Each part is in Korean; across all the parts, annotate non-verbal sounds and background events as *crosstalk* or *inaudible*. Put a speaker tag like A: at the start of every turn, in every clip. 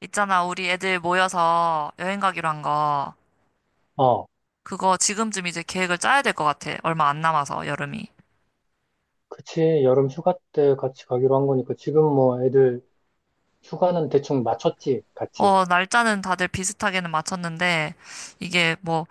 A: 있잖아, 우리 애들 모여서 여행 가기로 한 거.
B: 어,
A: 그거 지금쯤 이제 계획을 짜야 될 것 같아. 얼마 안 남아서, 여름이.
B: 그치. 여름 휴가 때 같이 가기로 한 거니까 지금 뭐 애들 휴가는 대충 맞췄지, 같이.
A: 어, 날짜는 다들 비슷하게는 맞췄는데, 이게 뭐,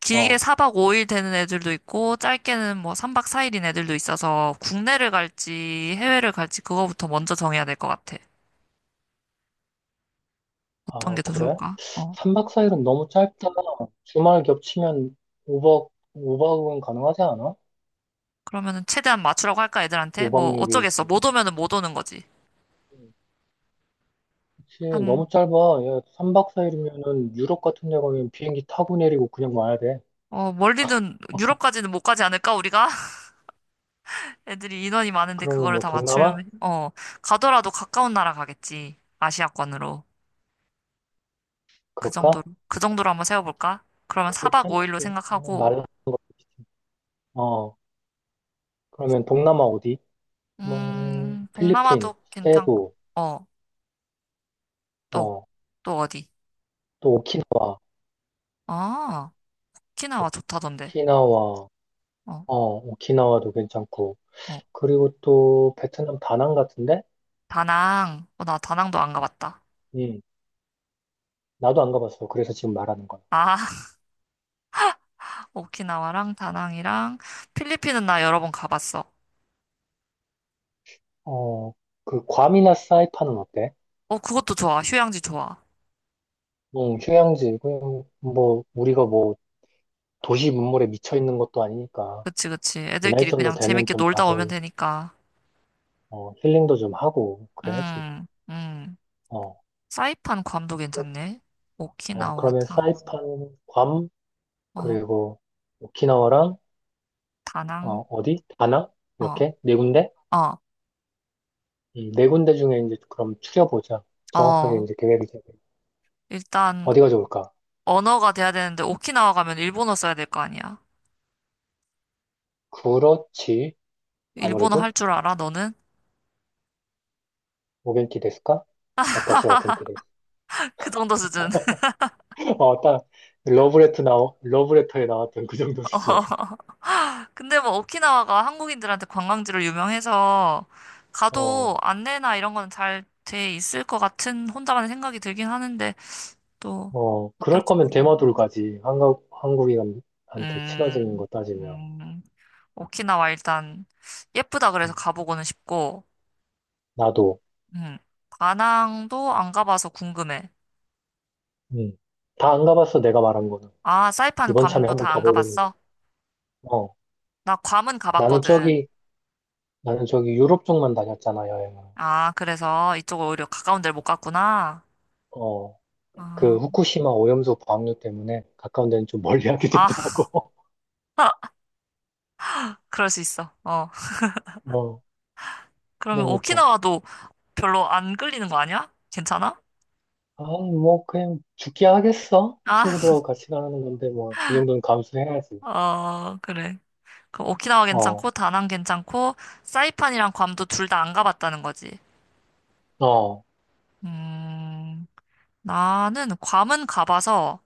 A: 길게
B: 어,
A: 4박 5일 되는 애들도 있고, 짧게는 뭐 3박 4일인 애들도 있어서, 국내를 갈지, 해외를 갈지, 그거부터 먼저 정해야 될 것 같아. 어떤
B: 아,
A: 게 더
B: 그래?
A: 좋을까? 어.
B: 3박 4일은 너무 짧다. 주말 겹치면 5박, 5박은 가능하지 않아?
A: 그러면은 최대한 맞추라고 할까, 애들한테?
B: 5박
A: 뭐,
B: 6일.
A: 어쩌겠어. 못 오면은 못 오는 거지.
B: 그치.
A: 한,
B: 너무 짧아. 야, 3박 4일이면은 유럽 같은 데 가면 비행기 타고 내리고 그냥 와야 돼.
A: 어, 멀리는, 유럽까지는 못 가지 않을까, 우리가? 애들이 인원이 많은데
B: 그러면
A: 그거를
B: 뭐
A: 다
B: 동남아?
A: 맞추려면, 어, 가더라도 가까운 나라 가겠지. 아시아권으로. 그
B: 그럴까?
A: 정도로. 그 정도로 한번 세워볼까? 그러면
B: 그게
A: 4박 5일로
B: 편하지. 어,
A: 생각하고,
B: 말라. 어, 그러면 동남아 어디? 뭐, 필리핀,
A: 동남아도 괜찮고,
B: 세부.
A: 어, 또,
B: 어,
A: 또 어디?
B: 또 오키나와,
A: 아, 오키나와 좋다던데.
B: 오키나와,
A: 어,
B: 오키나와도 괜찮고.
A: 어.
B: 그리고 또 베트남 다낭 같은데?
A: 다낭. 어, 나 다낭도 안 가봤다.
B: 음, 나도 안 가봤어. 그래서 지금 말하는 거야.
A: 아, *laughs* 오키나와랑 다낭이랑 필리핀은 나 여러 번 가봤어.
B: 어, 그 괌이나 사이판은 어때?
A: 어, 그것도 좋아. 휴양지 좋아.
B: 응, 휴양지. 그냥 뭐, 우리가 뭐, 도시 문물에 미쳐 있는 것도 아니니까.
A: 그치, 그치.
B: 이 나이
A: 애들끼리
B: 정도
A: 그냥
B: 되면
A: 재밌게
B: 좀
A: 놀다 오면
B: 가서,
A: 되니까.
B: 힐링도 좀 하고, 그래야지.
A: 음, 음.
B: 어,
A: 사이판 괌도
B: 그러,
A: 괜찮네.
B: 어,
A: 오키나와,
B: 그러면
A: 다낭,
B: 사이판, 괌,
A: 어,
B: 그리고 오키나와랑,
A: 다낭,
B: 어디? 다낭?
A: 어,
B: 이렇게? 네 군데?
A: 어,
B: 네 군데 중에 이제 그럼 추려보자. 정확하게
A: 어.
B: 이제 계획을 세워.
A: 일단,
B: 어디가 좋을까?
A: 언어가 돼야 되는데, 오키나와 가면 일본어 써야 될 거 아니야.
B: 그렇지.
A: 일본어 할
B: 아무래도
A: 줄 알아, 너는?
B: 오겐키 데스까? 와타시 와 겐키 데스.
A: *laughs* 그 정도 수준.
B: *laughs* 어, 딱 러브레터 나 러브레터에 나왔던 그 정도
A: *laughs* 어.
B: 수준.
A: 근데 뭐, 오키나와가 한국인들한테 관광지로 유명해서, 가도
B: 어,
A: 안내나 이런 거는 잘 돼 있을 것 같은 혼자만의 생각이 들긴 하는데, 또,
B: 어, 그럴
A: 어떨지
B: 거면
A: 모르겠네.
B: 대마도를 가지. 한국인한테 친화적인
A: 음,
B: 거 따지면
A: 음. 오키나와 일단 예쁘다 그래서
B: 음,
A: 가보고는 싶고,
B: 나도
A: 음. 다낭도 안 가봐서 궁금해.
B: 음. 다 안 가봤어. 내가 말한 거는
A: 아, 사이판
B: 이번 참에
A: 괌도
B: 한번
A: 다 안
B: 가보려는 거.
A: 가봤어?
B: 어,
A: 나 괌은
B: 나는
A: 가봤거든.
B: 저기 나는 저기 유럽 쪽만 다녔잖아 여행을.
A: 아, 그래서 이쪽을 오히려 가까운 데를 못 갔구나.
B: 어. 그
A: 아,
B: 후쿠시마 오염수 방류 때문에 가까운 데는 좀 멀리 하게
A: 아,
B: 되더라고.
A: *laughs* 그럴 수 있어. 어.
B: *laughs* 어,
A: 그러면
B: 그러니까.
A: 오키나와도 별로 안 끌리는 거 아니야? 괜찮아?
B: 아, 뭐, 그냥 죽게 하겠어?
A: 아, *laughs*
B: 친구들하고 같이 가는 건데, 뭐, 그 정도는 감수해야지.
A: 어, 그래. 그럼 오키나와
B: 어,
A: 괜찮고, 다낭 괜찮고, 사이판이랑 괌도 둘 다 안 가봤다는 거지.
B: 어,
A: 음, 나는 괌은 가봐서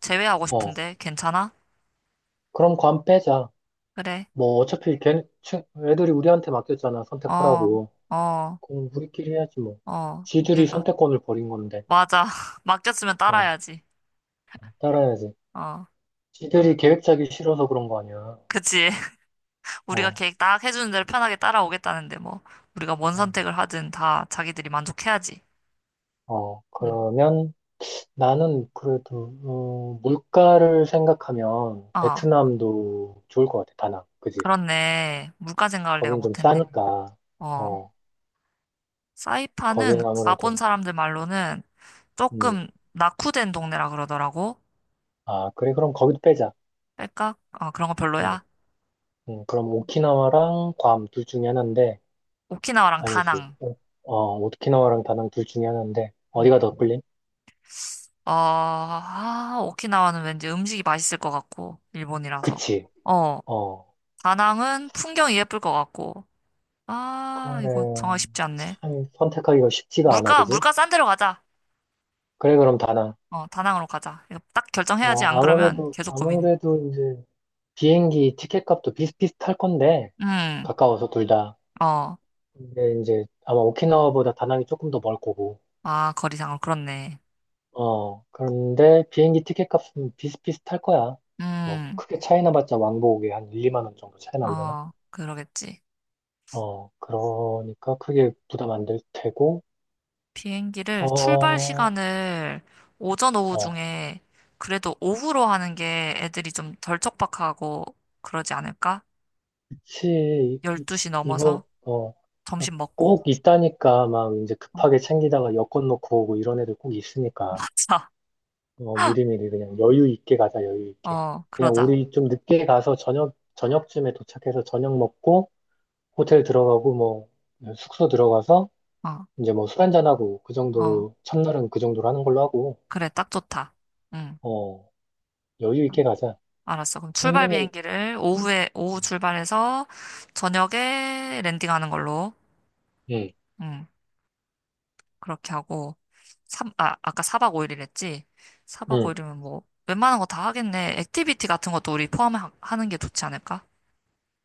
A: 제외하고
B: 어.
A: 싶은데 괜찮아?
B: 그럼 관 빼자.
A: 그래.
B: 뭐, 어차피 애들이 우리한테 맡겼잖아,
A: 어,
B: 선택하라고.
A: 어,
B: 그럼 우리끼리 해야지, 뭐.
A: 어.
B: 지들이
A: 우리가
B: 선택권을 버린 건데,
A: 맞아. *laughs* 맡겼으면
B: 어,
A: 따라야지.
B: 따라야지.
A: 어. 그러면
B: 지들이 계획 짜기 싫어서 그런 거 아니야.
A: 그치. *laughs* 우리가
B: 어,
A: 계획 딱 해주는 대로 편하게 따라오겠다는데 뭐 우리가 뭔
B: 어,
A: 선택을 하든 다 자기들이 만족해야지.
B: 어.
A: 음.
B: 그러면, 나는 그래도 물가를 생각하면
A: 아,
B: 베트남도 좋을 것 같아. 다낭, 그지?
A: 그렇네. 물가 생각을 내가
B: 거긴 좀
A: 못했네.
B: 싸니까.
A: 어.
B: 어,
A: 사이판은
B: 거기는
A: 가본
B: 아무래도.
A: 사람들 말로는
B: 음.
A: 조금 낙후된 동네라 그러더라고.
B: 아, 그래, 그럼 거기도 빼자.
A: 할까어 그런 거
B: 음,
A: 별로야.
B: 그럼 오키나와랑 괌 둘 중에 하나인데
A: 오키나와랑
B: 아니지.
A: 다낭.
B: 오키나와랑 다낭 둘 중에 하나인데
A: 음.
B: 어디가 더 끌림?
A: 아, 아, 오키나와는 왠지 음식이 맛있을 것 같고, 일본이라서.
B: 그치?
A: 어,
B: 어,
A: 다낭은 풍경이 예쁠 것 같고. 아,
B: 그래.
A: 이거 정하기 쉽지 않네.
B: 참 선택하기가 쉽지가 않아,
A: 물가,
B: 그지?
A: 물가 싼 데로 가자.
B: 그래, 그럼 다낭.
A: 어, 다낭으로 가자. 이거 딱 결정해야지.
B: 어,
A: 안 그러면
B: 아무래도
A: 계속 고민.
B: 아무래도 이제 비행기 티켓값도 비슷비슷할 건데
A: 음,
B: 가까워서 둘 다.
A: 어,
B: 근데 이제 아마 오키나와보다 다낭이 조금 더 멀 거고.
A: 아, 거리상으로 그렇네.
B: 어, 그런데 비행기 티켓값은 비슷비슷할 거야. 뭐
A: 음,
B: 크게 차이 나봤자 왕복에 한 1, 2만 원 정도 차이 나려나?
A: 어, 그러겠지.
B: 어, 그러니까 크게 부담 안 될 테고.
A: 비행기를 출발
B: 어,
A: 시간을 오전, 오후
B: 어,
A: 중에 그래도 오후로 하는 게 애들이 좀 덜 촉박하고 그러지 않을까?
B: 그치.
A: 열
B: 이-
A: 두시 넘어서
B: 이거
A: 점심 먹고.
B: 꼭 있다니까 막 이제
A: 어,
B: 급하게 챙기다가 여권 놓고 오고 이런 애들 꼭 있으니까.
A: *laughs*
B: 어, 미리미리 그냥 여유 있게 가자, 여유
A: 맞
B: 있게.
A: 어,
B: 그냥
A: 그러자.
B: 우리 좀 늦게 가서 저녁쯤에 도착해서 저녁 먹고 호텔 들어가고 뭐 숙소 들어가서
A: 어,
B: 이제 뭐 술 한잔하고 그
A: 어.
B: 정도로 첫날은 그 정도로 하는 걸로 하고,
A: 그래, 딱 좋다. 응.
B: 어, 여유 있게 가자.
A: 알았어. 그럼 출발
B: 분명히,
A: 비행기를 오후에, 오후 출발해서 저녁에 랜딩하는 걸로.
B: 응,
A: 응. 그렇게 하고. 아까 사박오일이랬지 사박오
B: 응.
A: 일이면 뭐, 웬만한 거 다 하겠네. 액티비티 같은 것도 우리 포함하는 게 좋지 않을까?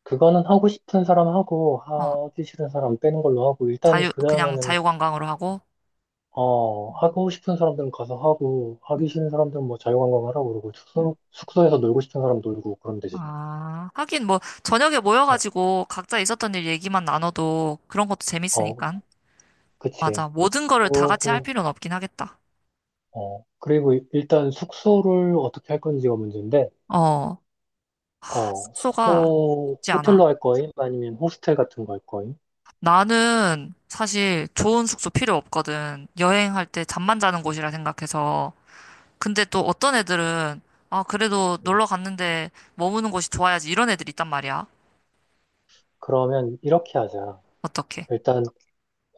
B: 그거는 하고 싶은 사람 하고
A: 어.
B: 하기 싫은 사람 빼는 걸로 하고 일단
A: 자유,
B: 그
A: 그냥
B: 다음에는
A: 자유관광으로 하고.
B: 어,
A: 음,
B: 하고 싶은 사람들은 가서 하고
A: 음,
B: 하기 싫은 사람들은 뭐 자유관광 하라고 그러고
A: 음.
B: 숙소에서 놀고 싶은 사람 놀고 그러면 되지.
A: 아, 하긴 뭐 저녁에 모여가지고 각자 있었던 일 얘기만 나눠도 그런 것도
B: 어,
A: 재밌으니까.
B: 그치.
A: 맞아. 모든 거를 다 같이 할
B: 그러고,
A: 필요는 없긴 하겠다.
B: 어, 그리고 일단 숙소를 어떻게 할 건지가 문제인데,
A: 어,
B: 어,
A: 숙소가
B: 숙소
A: 쉽지 않아.
B: 호텔로 할 거임? 아니면 호스텔 같은 거 할 거임?
A: 나는 사실 좋은 숙소 필요 없거든. 여행할 때 잠만 자는 곳이라 생각해서. 근데 또 어떤 애들은 아, 그래도
B: 네.
A: 놀러 갔는데 머무는 곳이 좋아야지 이런 애들 있단 말이야.
B: 그러면 이렇게 하자.
A: 어떻게?
B: 일단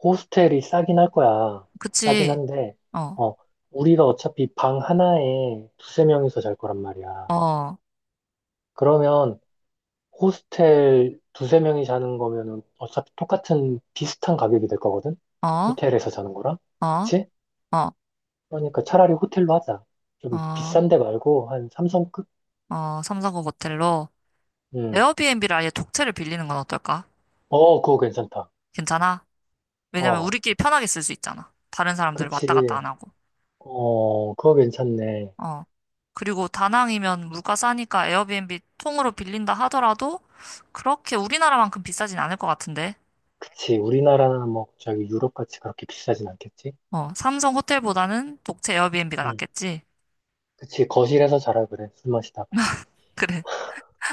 B: 호스텔이 싸긴 할 거야. 싸긴
A: 그치?
B: 한데,
A: 어,
B: 어, 우리가 어차피 방 하나에 두세 명이서 잘 거란 말이야.
A: 어,
B: 그러면 호스텔 두세 명이 자는 거면은 어차피 똑같은 비슷한 가격이 될 거거든?
A: 어,
B: 호텔에서 자는 거랑?
A: 어,
B: 그치?
A: 어,
B: 그러니까 차라리 호텔로 하자. 좀
A: 어.
B: 비싼 데 말고 한 삼성급?
A: 어, 삼성구 모텔로
B: 음.
A: 에어비앤비를 아예 독채를 빌리는 건 어떨까?
B: 어, 그거 괜찮다.
A: 괜찮아? 왜냐면
B: 어,
A: 우리끼리 편하게 쓸 수 있잖아. 다른 사람들 왔다 갔다
B: 그치.
A: 안 하고.
B: 어, 그거 괜찮네.
A: 어. 그리고 다낭이면 물가 싸니까 에어비앤비 통으로 빌린다 하더라도 그렇게 우리나라만큼 비싸진 않을 것 같은데.
B: 그치. 우리나라나 뭐 저기 유럽같이 그렇게 비싸진 않겠지?
A: 어, 삼성 호텔보다는 독채 에어비앤비가
B: 음.
A: 낫겠지?
B: 그치. 거실에서 자라 그래. 술 마시다가.
A: *laughs* 그래.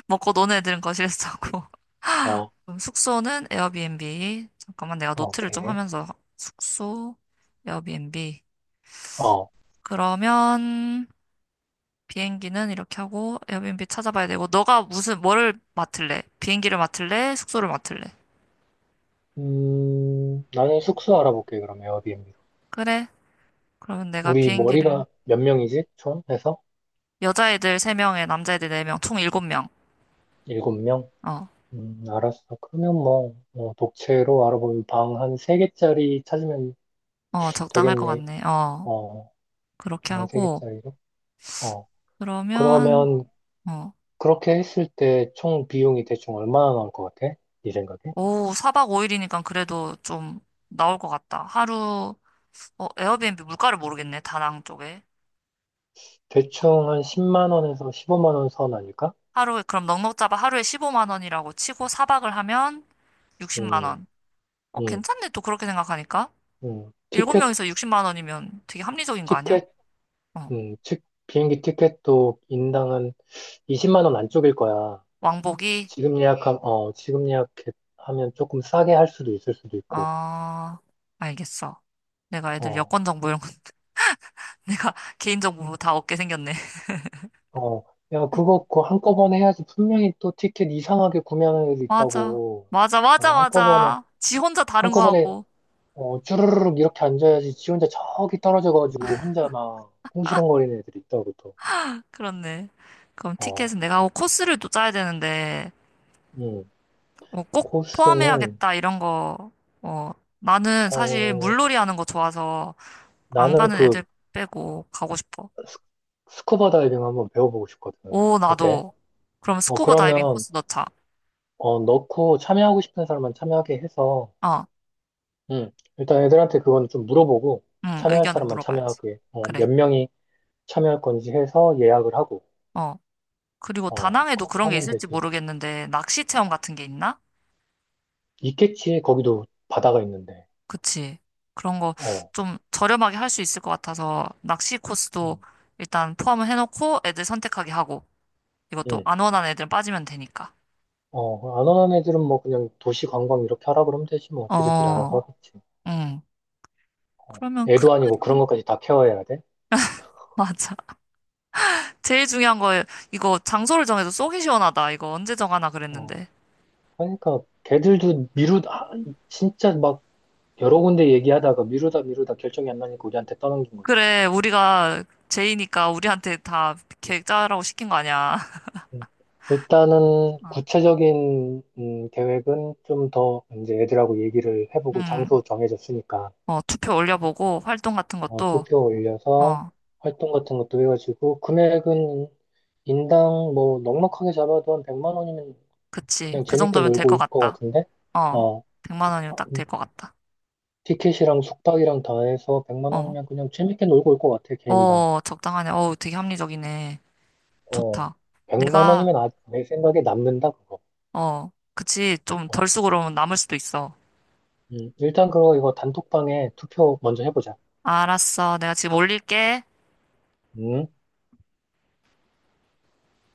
A: 먹고 노는 애들은 거실에서 자고.
B: 어,
A: *laughs*
B: 어,
A: 그럼 숙소는 에어비앤비. 잠깐만 내가 노트를 좀
B: 오케이.
A: 하면서 숙소, 에어비앤비.
B: 어.
A: 그러면 비행기는 이렇게 하고 에어비앤비 찾아봐야 되고 너가 무슨 뭐를 맡을래? 비행기를 맡을래? 숙소를 맡을래?
B: 나는 숙소 알아볼게, 그럼 에어비앤비로.
A: 그래. 그러면 내가
B: 우리
A: 비행기를
B: 머리가 몇 명이지? 총 해서?
A: 여자애들 3명에 남자애들 4명 총 7명.
B: 일곱 명?
A: 어.
B: 알았어. 그러면 뭐 독채로 알아보면 방 한 세개짜리 찾으면
A: 어, 적당할 것
B: 되겠네.
A: 같네. 어.
B: 어,
A: 그렇게
B: 한 세
A: 하고
B: 개짜리로? 어,
A: 그러면
B: 그러면
A: 어.
B: 그렇게 했을 때 총 비용이 대충 얼마나 나올 것 같아? 네 생각에?
A: 오사 4박 5일이니까 그래도 좀 나올 것 같다. 하루 어, 에어비앤비 물가를 모르겠네. 다낭 쪽에.
B: 대충 한
A: 어.
B: 10만 원에서 15만 원 선 아닐까?
A: 하루에 그럼 넉넉 잡아 하루에 15만 원이라고 치고 4박을 하면 60만 원.
B: 음,
A: 어,
B: 음,
A: 괜찮네, 또 그렇게 생각하니까.
B: 음.
A: 일곱
B: 티켓,
A: 명이서 60만 원이면 되게 합리적인 거 아니야?
B: 티켓,
A: 어.
B: 즉, 비행기 티켓도 인당은 20만 원 안쪽일 거야.
A: 왕복이?
B: 지금 예약하면 조금 싸게 할 수도 있을 수도 있고,
A: 아, 알겠어. 내가 애들
B: 어.
A: 여권 정보 이런 거 *laughs* 내가 개인 정보 다 얻게 생겼네. *laughs*
B: 어, 야, 그거 한꺼번에 해야지. 분명히 또 티켓 이상하게 구매하는 애들
A: 맞아.
B: 있다고.
A: 맞아, 맞아,
B: 어, 한꺼번에,
A: 맞아. 지 혼자 다른 거
B: 한꺼번에,
A: 하고.
B: 어, 쭈르르륵 이렇게 앉아야지. 지 혼자 저기 떨어져가지고 혼자 막 궁시렁거리는 애들 있다고 또.
A: 그렇네. 그럼
B: 어,
A: 티켓은 내가 하고 코스를 또 짜야 되는데,
B: 음.
A: 어, 꼭
B: 코스는,
A: 포함해야겠다, 이런 거. 어, 나는 사실
B: 어,
A: 물놀이 하는 거 좋아서 안
B: 나는
A: 가는 애들 빼고 가고 싶어.
B: 스- 스쿠버 다이빙 한번 배워보고 싶거든.
A: 오,
B: 어때?
A: 나도. 그럼
B: 어,
A: 스쿠버 다이빙
B: 그러면,
A: 코스 넣자.
B: 넣고 참여하고 싶은 사람만 참여하게 해서,
A: 어.
B: 음, 일단 애들한테 그건 좀 물어보고,
A: 응,
B: 참여할
A: 의견을
B: 사람만
A: 물어봐야지.
B: 참여하게,
A: 그래.
B: 몇 명이, 참여할 건지 해서 예약을 하고,
A: 어. 그리고
B: 어,
A: 다낭에도
B: 그렇게
A: 그런 게
B: 하면
A: 있을지
B: 되지.
A: 모르겠는데, 낚시 체험 같은 게 있나?
B: 있겠지, 거기도 바다가 있는데.
A: 그치. 그런 거
B: 어,
A: 좀 저렴하게 할 수 있을 것 같아서, 낚시 코스도
B: 음,
A: 일단 포함을 해놓고 애들 선택하게 하고, 이것도
B: 음.
A: 안 원하는 애들은 빠지면 되니까.
B: 어, 안 오는 애들은 뭐 그냥 도시 관광 이렇게 하라 그러면 되지, 뭐. 지들끼리 알아서
A: 어,
B: 하겠지.
A: 응.
B: 어,
A: 그러면 큰
B: 애도 아니고 그런
A: 그림은,
B: 것까지 다 케어해야 돼.
A: *laughs* 맞아. 제일 중요한 거, 이거 장소를 정해도 속이 시원하다. 이거 언제 정하나
B: 어,
A: 그랬는데.
B: 그러니까 걔들도 미루다, 진짜 막 여러 군데 얘기하다가 미루다 미루다 결정이 안 나니까 우리한테 떠넘긴 거지.
A: 그래, 우리가 제이니까 우리한테 다
B: 음,
A: 계획 짜라고 시킨 거 아니야.
B: 음. 일단은
A: *laughs*
B: 구체적인 계획은 좀 더 이제 애들하고 얘기를 해보고
A: 음,
B: 장소 정해졌으니까
A: 어, 투표 올려보고 활동 같은
B: 어,
A: 것도,
B: 투표 올려서
A: 어,
B: 활동 같은 것도 해가지고 금액은 인당 뭐 넉넉하게 잡아도 한 100만 원이면
A: 그치.
B: 그냥
A: 그
B: 재밌게
A: 정도면 될
B: 놀고
A: 것
B: 올 것
A: 같다.
B: 같은데
A: 어,
B: 어,
A: 100만 원이면 딱 될 것 같다.
B: 티켓이랑 숙박이랑 다 해서 100만
A: 어,
B: 원이면 그냥 재밌게 놀고 올 것 같아, 개인당.
A: 어, 적당하네. 어, 되게 합리적이네.
B: 어,
A: 좋다.
B: 100만
A: 내가,
B: 원이면, 아, 내 생각에 남는다 그거.
A: 어, 그치. 좀
B: 어,
A: 덜 쓰고 그러면 남을 수도 있어.
B: 일단 그거 이거 단톡방에 투표 먼저 해보자.
A: 알았어. 내가 지금 올릴게.
B: 음.